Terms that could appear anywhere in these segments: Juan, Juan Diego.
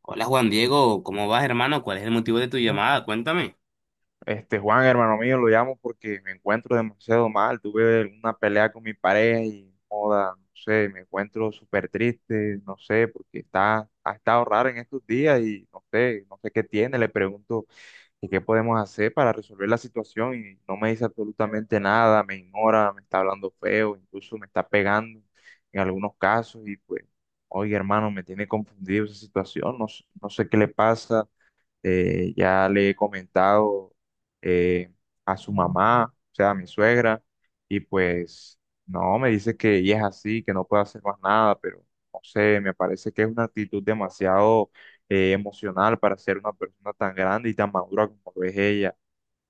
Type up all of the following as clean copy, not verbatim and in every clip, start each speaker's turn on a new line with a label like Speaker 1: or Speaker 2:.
Speaker 1: Hola Juan Diego, ¿cómo vas hermano? ¿Cuál es el motivo de tu llamada? Cuéntame.
Speaker 2: Juan, hermano mío, lo llamo porque me encuentro demasiado mal. Tuve una pelea con mi pareja y, joda, no sé, me encuentro súper triste, no sé, porque ha estado raro en estos días y no sé, no sé qué tiene. Le pregunto que qué podemos hacer para resolver la situación y no me dice absolutamente nada, me ignora, me está hablando feo, incluso me está pegando en algunos casos y pues, oye, hermano, me tiene confundido esa situación, no, no sé qué le pasa. Ya le he comentado eh, a su mamá, o sea, a mi suegra, y pues no, me dice que ella es así, que no puede hacer más nada, pero no sé, me parece que es una actitud demasiado emocional para ser una persona tan grande y tan madura como lo es ella.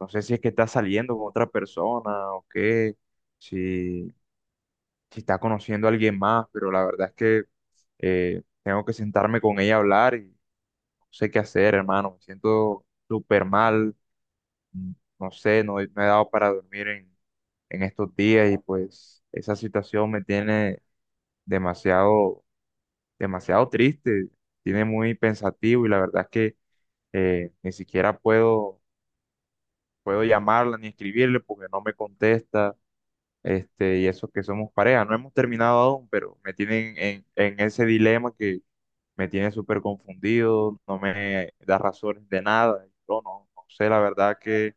Speaker 2: No sé si es que está saliendo con otra persona o qué, si, si está conociendo a alguien más, pero la verdad es que tengo que sentarme con ella a hablar y sé qué hacer, hermano. Me siento súper mal. mm, No sé, no, no he dado para dormir en estos días y pues esa situación me tiene demasiado, demasiado triste, tiene muy pensativo y la verdad es que ni siquiera puedo llamarla ni escribirle porque no me contesta. Y eso que somos pareja, no hemos terminado aún, pero me tienen en ese dilema, me tiene súper confundido, no me da razones de nada. Yo no, no sé la verdad que,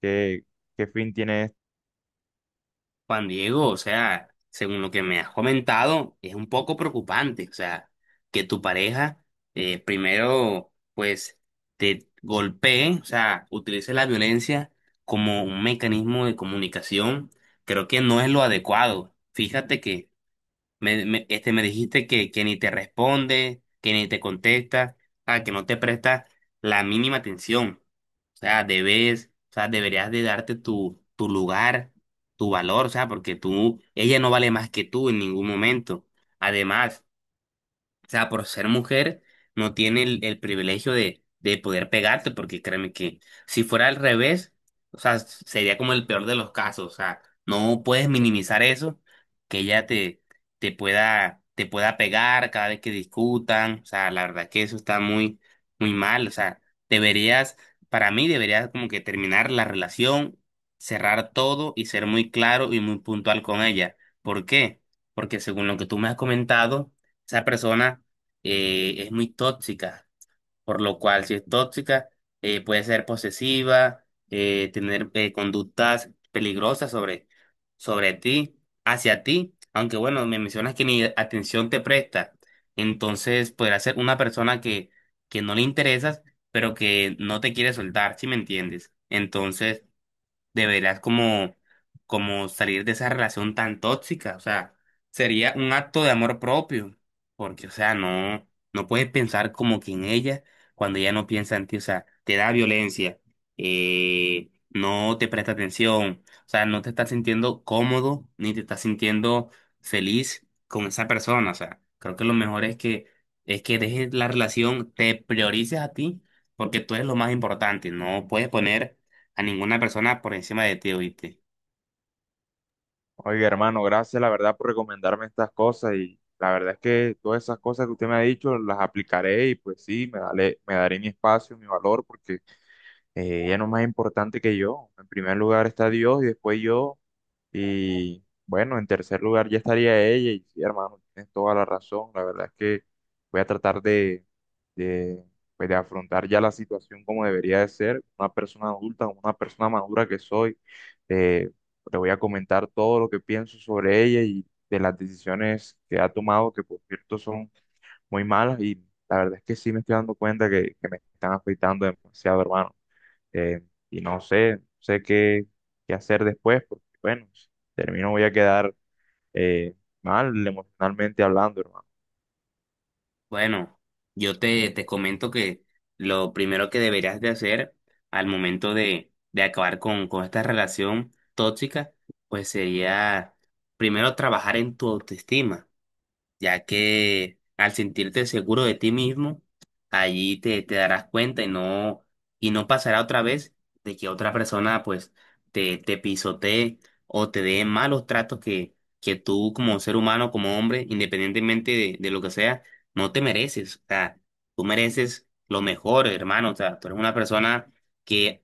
Speaker 2: que- qué fin tiene esto.
Speaker 1: Juan Diego, o sea, según lo que me has comentado, es un poco preocupante, o sea, que tu pareja primero pues te golpee, o sea, utilice la violencia como un mecanismo de comunicación, creo que no es lo adecuado. Fíjate que me dijiste que ni te responde, que ni te contesta, ah, que no te presta la mínima atención. O sea, debes, o sea, deberías de darte tu lugar, tu valor, o sea, porque tú, ella no vale más que tú en ningún momento. Además, o sea, por ser mujer, no tiene el privilegio de poder pegarte, porque créeme que si fuera al revés, o sea, sería como el peor de los casos. O sea, no puedes minimizar eso, que ella te pueda pegar cada vez que discutan. O sea, la verdad que eso está muy, muy mal. O sea, deberías, para mí, deberías como que terminar la relación, cerrar todo y ser muy claro y muy puntual con ella. ¿Por qué? Porque según lo que tú me has comentado, esa persona es muy tóxica, por lo cual si es tóxica puede ser posesiva, tener conductas peligrosas sobre ti, hacia ti, aunque bueno, me mencionas que ni atención te presta, entonces podrá ser una persona que no le interesas, pero que no te quiere soltar, si me entiendes. Entonces, deberás como salir de esa relación tan tóxica. O sea, sería un acto de amor propio, porque, o sea, no, no puedes pensar como que en ella cuando ella no piensa en ti, o sea, te da violencia, no te presta atención, o sea, no te estás sintiendo cómodo ni te estás sintiendo feliz con esa persona. O sea, creo que lo mejor es es que dejes la relación, te priorices a ti, porque tú eres lo más importante, no puedes poner a ninguna persona por encima de ti, ¿oíste?
Speaker 2: Oiga, hermano, gracias la verdad por recomendarme estas cosas y la verdad es que todas esas cosas que usted me ha dicho las aplicaré y pues sí, me daré mi espacio, mi valor, porque ella no es más importante que yo. En primer lugar está Dios y después yo. Y bueno, en tercer lugar ya estaría ella. Y sí, hermano, tienes toda la razón. La verdad es que voy a tratar de, pues, de afrontar ya la situación como debería de ser. Una persona adulta, como una persona madura que soy. Eh, Le voy a comentar todo lo que pienso sobre ella y de las decisiones que ha tomado, que por cierto son muy malas. Y la verdad es que sí me estoy dando cuenta que me están afectando demasiado, hermano. eh, y no sé, no sé qué, qué hacer después, porque bueno, si termino voy a quedar eh, mal emocionalmente hablando, hermano.
Speaker 1: Bueno, te comento que lo primero que deberías de hacer al momento de acabar con esta relación tóxica, pues sería primero trabajar en tu autoestima. Ya que al sentirte seguro de ti mismo, allí te darás cuenta y no pasará otra vez de que otra persona pues te pisotee o te dé malos tratos que tú como ser humano, como hombre, independientemente de lo que sea, no te mereces. O sea, tú mereces lo mejor, hermano. O sea, tú eres una persona que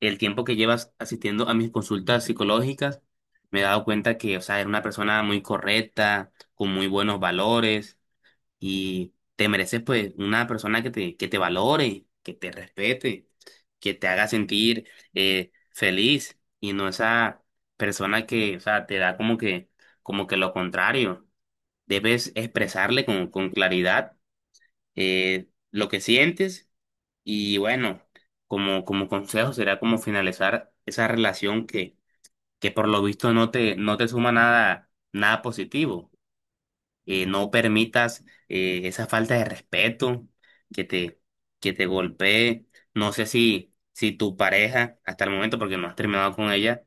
Speaker 1: el tiempo que llevas asistiendo a mis consultas psicológicas, me he dado cuenta que, o sea, eres una persona muy correcta con muy buenos valores y te mereces pues una persona que te valore, que te respete, que te haga sentir feliz y no esa persona que, o sea, te da como que lo contrario. Debes expresarle con claridad lo que sientes y bueno, como consejo será como finalizar esa relación que por lo visto no te suma nada, nada positivo no permitas esa falta de respeto que te, que te golpee. No sé si tu pareja, hasta el momento, porque no has terminado con ella,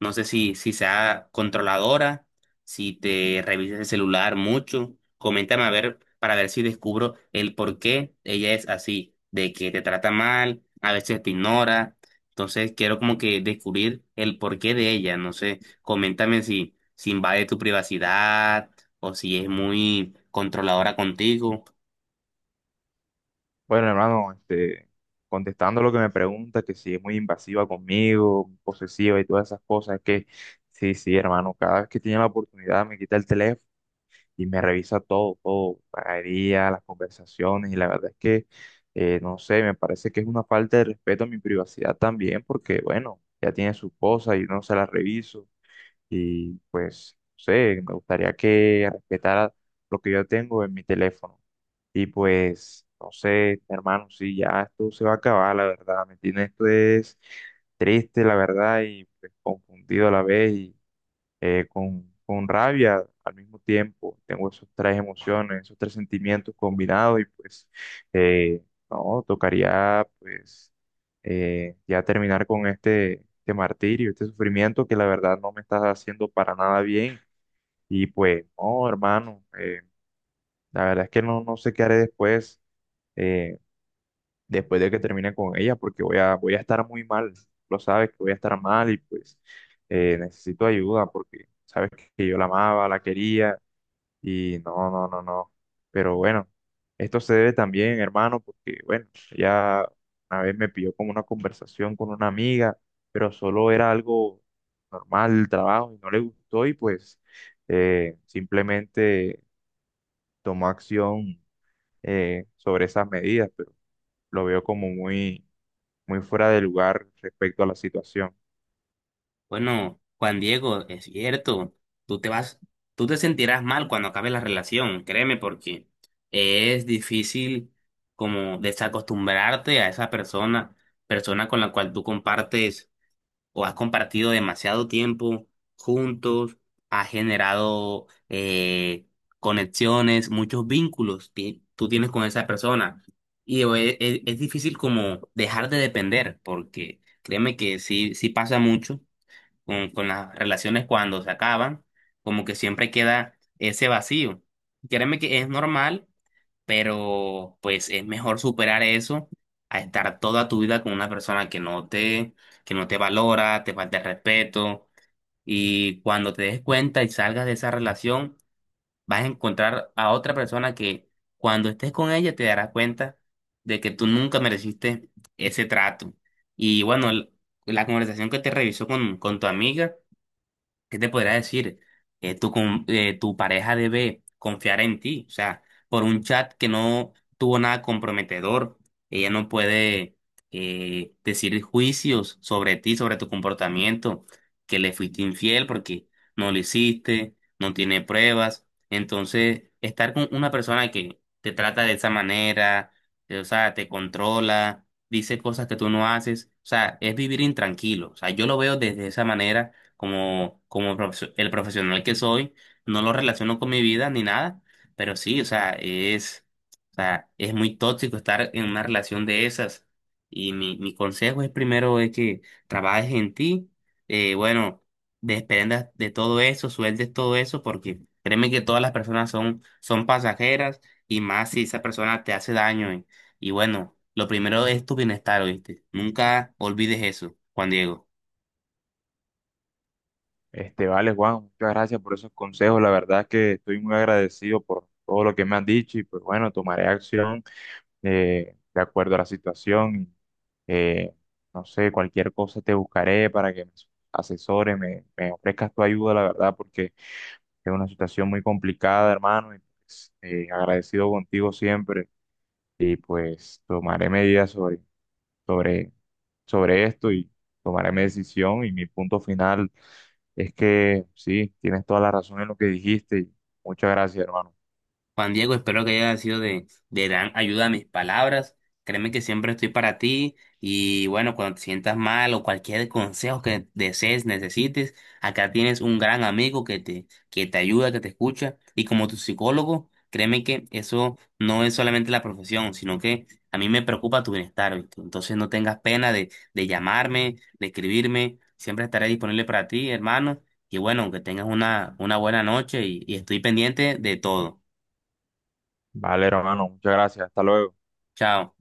Speaker 1: no sé si sea controladora, si te revisas el celular mucho. Coméntame a ver para ver si descubro el por qué ella es así, de que te trata mal, a veces te ignora. Entonces quiero como que descubrir el porqué de ella. No sé, coméntame si invade tu privacidad o si es muy controladora contigo.
Speaker 2: Bueno, hermano, contestando lo que me pregunta, que si es muy invasiva conmigo, posesiva y todas esas cosas, es que sí, sí, hermano, cada vez que tiene la oportunidad me quita el teléfono y me revisa todo, todo, la día, las conversaciones, y la verdad es que, no sé, me parece que es una falta de respeto a mi privacidad también, porque bueno, ya tiene su esposa y yo no se la reviso. Y pues, no sé, me gustaría que respetara lo que yo tengo en mi teléfono. Y pues, no sé, hermano, sí, ya esto se va a acabar, la verdad, ¿me entiendes? Esto es triste, la verdad, y pues, confundido a la vez. Y con rabia al mismo tiempo. Tengo esos tres emociones, esos tres sentimientos combinados y pues eh, no, tocaría pues ya terminar con este martirio, este sufrimiento que la verdad no me está haciendo para nada bien. Y pues, no, hermano, la verdad es que no, no sé qué haré después. Eh, Después de que termine con ella, porque voy voy a estar muy mal, lo sabes que voy a estar mal y pues necesito ayuda porque sabes que yo la amaba, la quería y no, no, no, no. Pero bueno, esto se debe también, hermano, porque bueno, ya una vez me pidió como una conversación con una amiga, pero solo era algo normal el trabajo y no le gustó y pues simplemente tomó acción sobre esas medidas, pero lo veo como muy muy fuera de lugar respecto a la situación.
Speaker 1: Bueno, Juan Diego, es cierto, tú te vas, tú te sentirás mal cuando acabe la relación, créeme, porque es difícil como desacostumbrarte a esa persona, persona con la cual tú compartes o has compartido demasiado tiempo juntos, has generado conexiones, muchos vínculos que tú tienes con esa persona. Y es difícil como dejar de depender, porque créeme que sí, sí pasa mucho con las relaciones cuando se acaban, como que siempre queda ese vacío. Créeme que es normal, pero pues es mejor superar eso a estar toda tu vida con una persona que no te valora, te falta el respeto. Y cuando te des cuenta y salgas de esa relación, vas a encontrar a otra persona que cuando estés con ella te darás cuenta de que tú nunca mereciste ese trato. Y bueno, la conversación que te revisó con tu amiga. ¿Qué te podría decir? Tu pareja debe confiar en ti. O sea, por un chat que no tuvo nada comprometedor, ella no puede decir juicios sobre ti, sobre tu comportamiento, que le fuiste infiel porque no lo hiciste, no tiene pruebas. Entonces, estar con una persona que te trata de esa manera, o sea, te controla, dice cosas que tú no haces, o sea, es vivir intranquilo. O sea, yo lo veo desde esa manera como el profesional que soy, no lo relaciono con mi vida ni nada, pero sí, o sea, es muy tóxico estar en una relación de esas. Y mi consejo es primero es que trabajes en ti, bueno, desprendas de todo eso, sueltes todo eso, porque créeme que todas las personas son pasajeras y más si esa persona te hace daño. Y bueno, lo primero es tu bienestar, ¿oíste? Nunca olvides eso, Juan Diego.
Speaker 2: Vale, Juan, muchas gracias por esos consejos. La verdad es que estoy muy agradecido por todo lo que me han dicho y pues bueno, tomaré acción de acuerdo a la situación. Eh, no sé, cualquier cosa te buscaré para que me asesores, me ofrezcas tu ayuda, la verdad, porque es una situación muy complicada, hermano, y pues, agradecido contigo siempre y pues tomaré medidas sobre, sobre esto y tomaré mi decisión y mi punto final es que sí, tienes toda la razón en lo que dijiste y muchas gracias, hermano.
Speaker 1: Juan Diego, espero que haya sido de gran ayuda a mis palabras. Créeme que siempre estoy para ti y bueno, cuando te sientas mal o cualquier consejo que desees, necesites, acá tienes un gran amigo que te ayuda, que te escucha y como tu psicólogo, créeme que eso no es solamente la profesión, sino que a mí me preocupa tu bienestar, ¿viste? Entonces no tengas pena de llamarme, de escribirme, siempre estaré disponible para ti, hermano. Y bueno, que tengas una buena noche y estoy pendiente de todo.
Speaker 2: Vale, hermano, muchas gracias. Hasta luego.
Speaker 1: Chao.